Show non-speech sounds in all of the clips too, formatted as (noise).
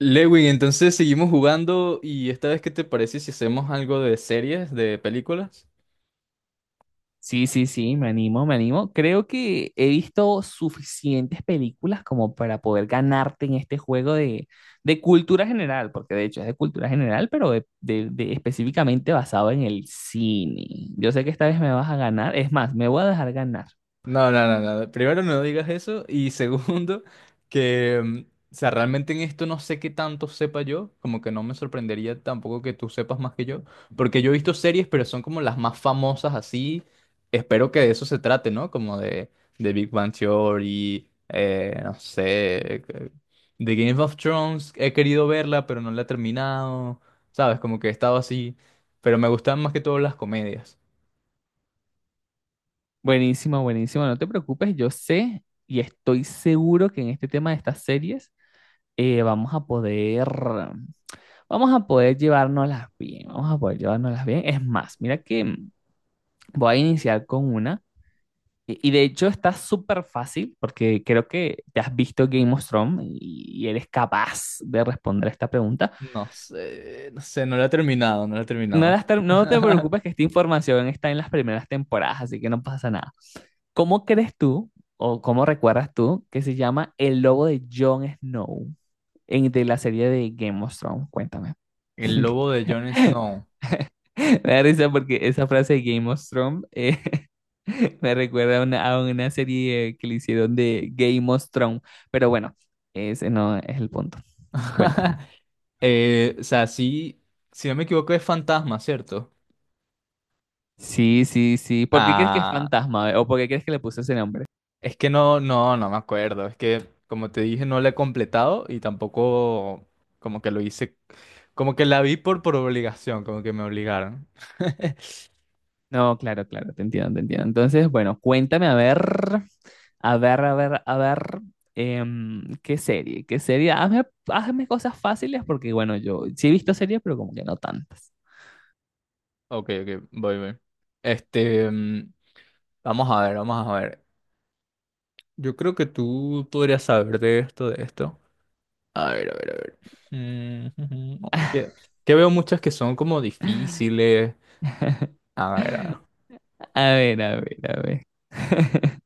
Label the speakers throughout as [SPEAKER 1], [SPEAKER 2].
[SPEAKER 1] Lewin, entonces seguimos jugando y esta vez, ¿qué te parece si hacemos algo de series, de películas?
[SPEAKER 2] Sí, sí, sí, me animo, me animo. Creo que he visto suficientes películas como para poder ganarte en este juego de cultura general, porque de hecho es de cultura general, pero de específicamente basado en el cine. Yo sé que esta vez me vas a ganar, es más, me voy a dejar ganar.
[SPEAKER 1] No, no, no, no. Primero no digas eso y (laughs) segundo que, mm, o sea, realmente en esto no sé qué tanto sepa yo, como que no me sorprendería tampoco que tú sepas más que yo, porque yo he visto series, pero son como las más famosas así. Espero que de eso se trate, ¿no? Como de Big Bang Theory, no sé, de Game of Thrones. He querido verla, pero no la he terminado, ¿sabes? Como que he estado así, pero me gustan más que todo las comedias.
[SPEAKER 2] Buenísimo, buenísimo, no te preocupes, yo sé y estoy seguro que en este tema de estas series eh, vamos a poder, vamos a poder llevárnoslas bien, vamos a poder llevárnoslas bien. Es más, mira que... Voy a iniciar con una. Y de hecho está súper fácil porque creo que te has visto Game of Thrones y eres capaz de responder esta pregunta.
[SPEAKER 1] No sé, no sé, no la he terminado, no la he
[SPEAKER 2] No,
[SPEAKER 1] terminado.
[SPEAKER 2] no te
[SPEAKER 1] (laughs)
[SPEAKER 2] preocupes que esta información está en las primeras temporadas, así que no pasa nada. ¿Cómo crees tú o cómo recuerdas tú que se llama el lobo de Jon Snow en, de la serie de Game of Thrones? Cuéntame. (laughs)
[SPEAKER 1] El lobo de Jon Snow.
[SPEAKER 2] (laughs) Me da risa porque esa frase de Game of Thrones (laughs) me recuerda a una serie que le hicieron de Game of Thrones. Pero bueno, ese no es el punto. Cuéntame.
[SPEAKER 1] (laughs) O sea, sí, si no me equivoco es fantasma, ¿cierto?
[SPEAKER 2] Sí, sí, sí. ¿Por qué crees que es
[SPEAKER 1] Ah,
[SPEAKER 2] fantasma? O por qué crees que le puso ese nombre?
[SPEAKER 1] es que no, no, no me acuerdo. Es que, como te dije, no la he completado y tampoco como que lo hice, como que la vi por obligación, como que me obligaron. (laughs)
[SPEAKER 2] No, claro, claro, te entiendo, te entiendo. Entonces, bueno, cuéntame, a ver, a ver, a ver, a ver, ¿qué serie? ¿Qué serie? Hazme, hazme cosas fáciles porque, bueno, yo sí he visto series, pero como que no tantas.
[SPEAKER 1] Ok, ok, voy, voy. Este, mm, vamos a ver, vamos a ver. Yo creo que tú podrías saber de esto. A ver, a ver, a ver. Mm, (laughs) ujú. No, es
[SPEAKER 2] (laughs)
[SPEAKER 1] que veo muchas que son como difíciles. A ver, a ver.
[SPEAKER 2] A ver, a ver, a ver. (laughs)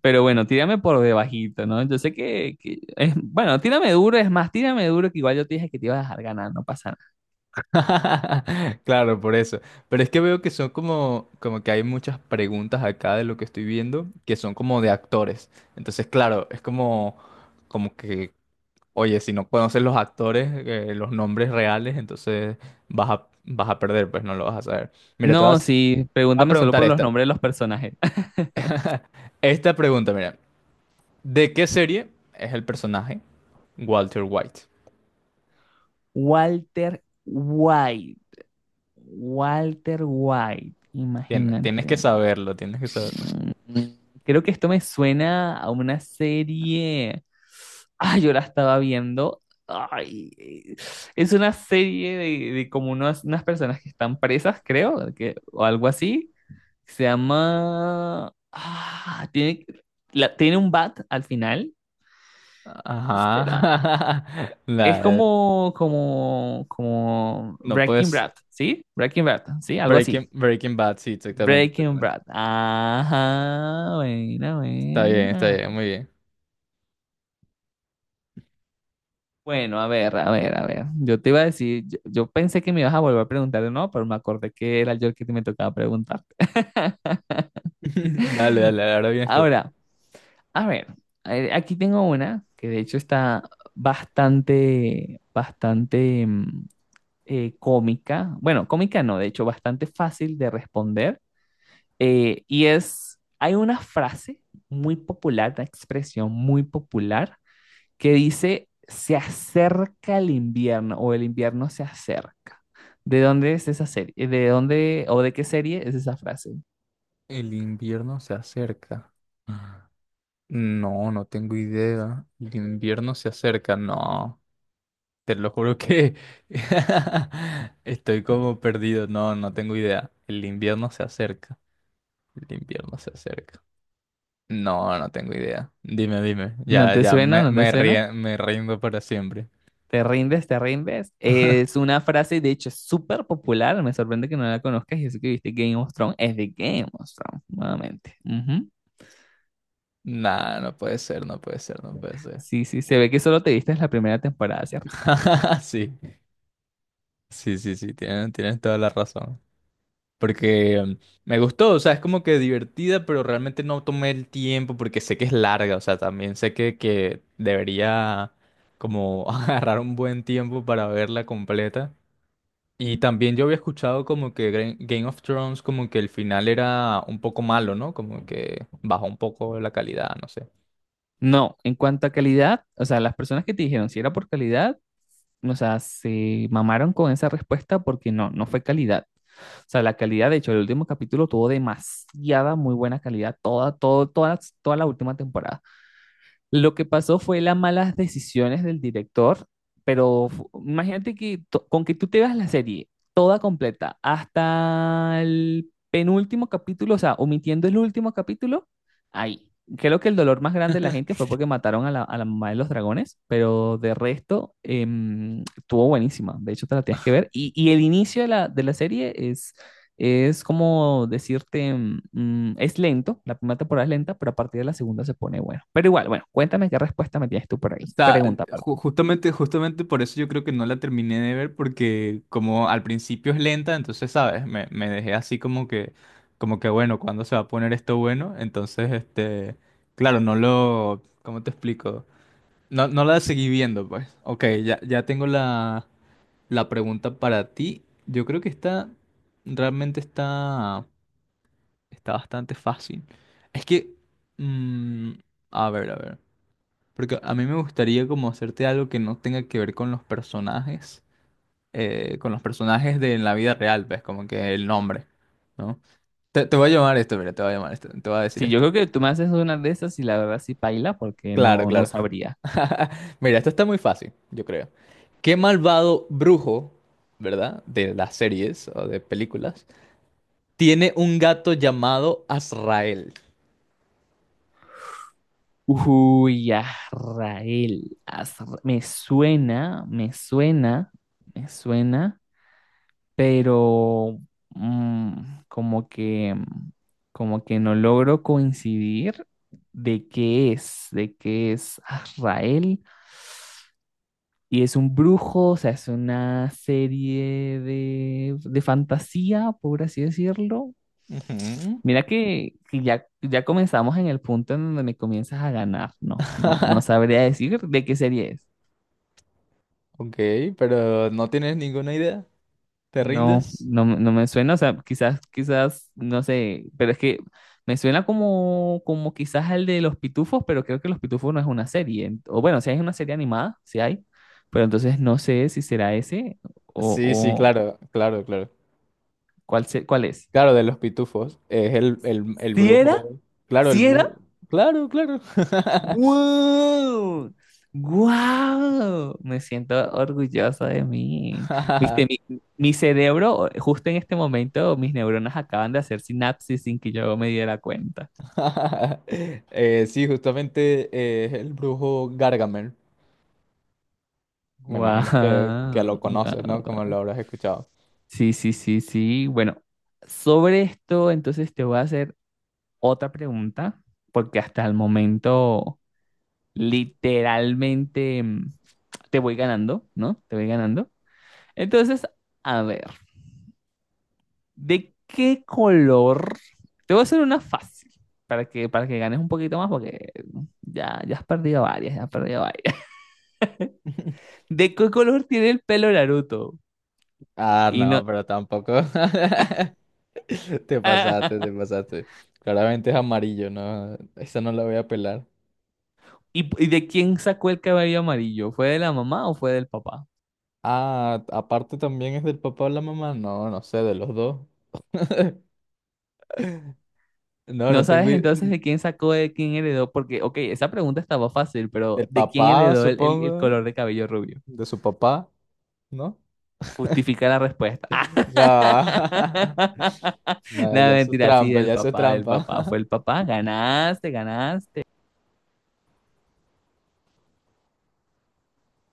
[SPEAKER 2] Pero bueno, tírame por debajito, ¿no? Yo sé que, bueno, tírame duro, es más, tírame duro que igual yo te dije que te iba a dejar ganar, no pasa nada.
[SPEAKER 1] (laughs) Claro, por eso. Pero es que veo que son como, como que hay muchas preguntas acá de lo que estoy viendo que son como de actores. Entonces, claro, es como, como que, oye, si no conoces los actores, los nombres reales, entonces vas a perder, pues no lo vas a saber. Mira, te
[SPEAKER 2] No,
[SPEAKER 1] vas,
[SPEAKER 2] sí,
[SPEAKER 1] te voy a
[SPEAKER 2] pregúntame solo
[SPEAKER 1] preguntar
[SPEAKER 2] por los
[SPEAKER 1] esta.
[SPEAKER 2] nombres de los personajes.
[SPEAKER 1] Esta pregunta, mira. ¿De qué serie es el personaje Walter White?
[SPEAKER 2] (laughs) Walter White, Walter White,
[SPEAKER 1] Tienes que
[SPEAKER 2] imagínate.
[SPEAKER 1] saberlo, tienes que saberlo.
[SPEAKER 2] Mm, Creo que esto me suena a una serie. Ah, yo la estaba viendo. Ay, eh, es una serie de como unas personas que están presas, creo, que, o algo así. Se llama... Ah, tiene, tiene un bat al final.
[SPEAKER 1] Ajá.
[SPEAKER 2] Espera.
[SPEAKER 1] (laughs)
[SPEAKER 2] Es
[SPEAKER 1] La-
[SPEAKER 2] como
[SPEAKER 1] no
[SPEAKER 2] Breaking
[SPEAKER 1] puedes.
[SPEAKER 2] Bad, ¿sí? Breaking Bad, ¿sí? Algo así.
[SPEAKER 1] Breaking Bad, sí, exactamente,
[SPEAKER 2] Breaking
[SPEAKER 1] exactamente.
[SPEAKER 2] Bad. Ajá, buena,
[SPEAKER 1] Está
[SPEAKER 2] buena.
[SPEAKER 1] bien, muy bien.
[SPEAKER 2] Bueno, a ver, a ver, a ver. Yo te iba a decir, yo pensé que me ibas a volver a preguntar de nuevo, pero me acordé que era yo el que te me tocaba preguntar.
[SPEAKER 1] (laughs) Dale, dale, ahora vienes tú.
[SPEAKER 2] Ahora, a ver, aquí tengo una que de hecho está bastante, bastante cómica. Bueno, cómica no, de hecho bastante fácil de responder. Y es, hay una frase muy popular, una expresión muy popular que dice, se acerca el invierno o el invierno se acerca. ¿De dónde es esa serie? ¿De dónde o de qué serie es esa frase?
[SPEAKER 1] El invierno se acerca. No, no tengo idea. El invierno se acerca. No, te lo juro que (laughs) estoy como perdido. No, no tengo idea. El invierno se acerca. El invierno se acerca. No, no tengo idea. Dime, dime.
[SPEAKER 2] ¿No te suena? ¿No te suena?
[SPEAKER 1] Me rindo para siempre.
[SPEAKER 2] Te rindes, te rindes. Es una frase, de hecho, súper popular. Me sorprende que no la conozcas. Y eso que viste Game of Thrones, es de Game of Thrones, nuevamente. Ujú.
[SPEAKER 1] Nah, no puede ser, no puede ser, no puede ser.
[SPEAKER 2] Sí, sí, se ve que solo te viste en la primera temporada, ¿cierto?
[SPEAKER 1] (laughs) Sí, sí, sí, sí, tienes, tienes toda la razón. Porque me gustó, o sea, es como que divertida, pero realmente no tomé el tiempo porque sé que es larga, o sea, también sé que debería como (laughs) agarrar un buen tiempo para verla completa. Y también yo había escuchado como que Game of Thrones, como que el final era un poco malo, ¿no? Como que bajó un poco la calidad, no sé.
[SPEAKER 2] No, en cuanto a calidad, o sea, las personas que te dijeron si era por calidad, o sea, se mamaron con esa respuesta porque no, no fue calidad. O sea, la calidad, de hecho, el último capítulo tuvo demasiada muy buena calidad, toda la última temporada. Lo que pasó fue las malas decisiones del director, pero imagínate que con que tú te veas la serie toda completa hasta el penúltimo capítulo, o sea, omitiendo el último capítulo, ahí. Creo que el dolor más grande de la gente
[SPEAKER 1] (laughs)
[SPEAKER 2] fue porque mataron a a la mamá de los dragones, pero de resto estuvo buenísima. De hecho, te la tienes que ver. Y el inicio de de la serie es como decirte, es lento, la primera temporada es lenta, pero a partir de la segunda se pone bueno. Pero igual, bueno, cuéntame qué respuesta me tienes tú por
[SPEAKER 1] O
[SPEAKER 2] ahí.
[SPEAKER 1] sea,
[SPEAKER 2] Pregunta, perdón.
[SPEAKER 1] justamente por eso yo creo que no la terminé de ver, porque como al principio es lenta, entonces, ¿sabes? Me dejé así como que, bueno, ¿cuándo se va a poner esto bueno? Claro, no lo, ¿cómo te explico? No, no la seguí viendo, pues. Ok, ya tengo la, la pregunta para ti. Yo creo que está, Realmente está, está bastante fácil. Es que, mm, a ver, a ver, porque a mí me gustaría como hacerte algo que no tenga que ver con los personajes de la vida real, pues, como que el nombre, ¿no? Te voy a llamar esto, mira, te voy a llamar esto, te voy a decir
[SPEAKER 2] Sí, yo
[SPEAKER 1] esto.
[SPEAKER 2] creo que tú me haces una de esas y la verdad sí paila porque
[SPEAKER 1] Claro,
[SPEAKER 2] no, no
[SPEAKER 1] claro.
[SPEAKER 2] sabría.
[SPEAKER 1] (laughs) Mira, esto está muy fácil, yo creo. ¿Qué malvado brujo, ¿verdad? De las series o de películas tiene un gato llamado Azrael?
[SPEAKER 2] Uy, Azrael, me suena, me suena, me suena, pero mm, como que, mm, como que no logro coincidir de qué es Azrael. Y es un brujo, o sea, es una serie de fantasía, por así decirlo.
[SPEAKER 1] Ujú.
[SPEAKER 2] Mira que ya, ya comenzamos en el punto en donde me comienzas a ganar, ¿no? No, no sabría decir de qué serie es.
[SPEAKER 1] Ok, pero no tienes ninguna idea. ¿Te rindes?
[SPEAKER 2] No me suena, o sea, quizás, quizás, no sé, pero es que me suena como quizás el de Los Pitufos, pero creo que Los Pitufos no es una serie. O bueno, si hay una serie animada, si hay, pero entonces no sé si será ese
[SPEAKER 1] Sí, sí,
[SPEAKER 2] o
[SPEAKER 1] claro, claro, claro.
[SPEAKER 2] cuál es.
[SPEAKER 1] Claro, de los pitufos. Es el
[SPEAKER 2] ¿Sí era?
[SPEAKER 1] brujo. Claro, el
[SPEAKER 2] ¿Sí
[SPEAKER 1] brujo.
[SPEAKER 2] era?
[SPEAKER 1] Claro, claro.
[SPEAKER 2] ¡Wow! ¡Wow! Me siento orgulloso de mí. Viste,
[SPEAKER 1] (laughs)
[SPEAKER 2] mi cerebro, justo en este momento, mis neuronas acaban de hacer sinapsis sin que yo me diera cuenta.
[SPEAKER 1] Sí, justamente es el brujo Gargamel. Me
[SPEAKER 2] ¡Wow!
[SPEAKER 1] imagino que lo conoces, ¿no?
[SPEAKER 2] ¡Wow!
[SPEAKER 1] Como lo habrás escuchado.
[SPEAKER 2] Sí, sí, sí, sí. Bueno, sobre esto, entonces te voy a hacer otra pregunta, porque hasta el momento, literalmente, te voy ganando, ¿no? Te voy ganando. Entonces, a ver, ¿de qué color? Te voy a hacer una fácil para que ganes un poquito más porque ya, ya has perdido varias, ya has perdido varias.
[SPEAKER 1] (laughs)
[SPEAKER 2] (laughs) ¿De qué color tiene el pelo Naruto?
[SPEAKER 1] Ah,
[SPEAKER 2] Y no...
[SPEAKER 1] no, pero tampoco. (laughs) (laughs) Te pasaste, te
[SPEAKER 2] (laughs)
[SPEAKER 1] pasaste. Claramente es amarillo, ¿no? Esa no la voy a pelar.
[SPEAKER 2] ¿Y, y de quién sacó el cabello amarillo? ¿Fue de la mamá o fue del papá?
[SPEAKER 1] Ah, aparte también es del papá o la mamá. No, no sé, de los dos. (laughs) No,
[SPEAKER 2] No
[SPEAKER 1] no tengo...
[SPEAKER 2] sabes entonces
[SPEAKER 1] i-
[SPEAKER 2] de quién sacó, de quién heredó, porque, ok, esa pregunta estaba fácil, pero
[SPEAKER 1] Del
[SPEAKER 2] ¿de quién
[SPEAKER 1] papá,
[SPEAKER 2] heredó el
[SPEAKER 1] supongo.
[SPEAKER 2] color de cabello rubio?
[SPEAKER 1] De su papá, ¿no?
[SPEAKER 2] Justifica la respuesta.
[SPEAKER 1] Nah. (laughs)
[SPEAKER 2] (laughs)
[SPEAKER 1] Nah,
[SPEAKER 2] No,
[SPEAKER 1] ya eso es
[SPEAKER 2] mentira, sí,
[SPEAKER 1] trampa,
[SPEAKER 2] del
[SPEAKER 1] ya eso es
[SPEAKER 2] papá, del
[SPEAKER 1] trampa.
[SPEAKER 2] papá. Fue el
[SPEAKER 1] (laughs)
[SPEAKER 2] papá. Ganaste, ganaste.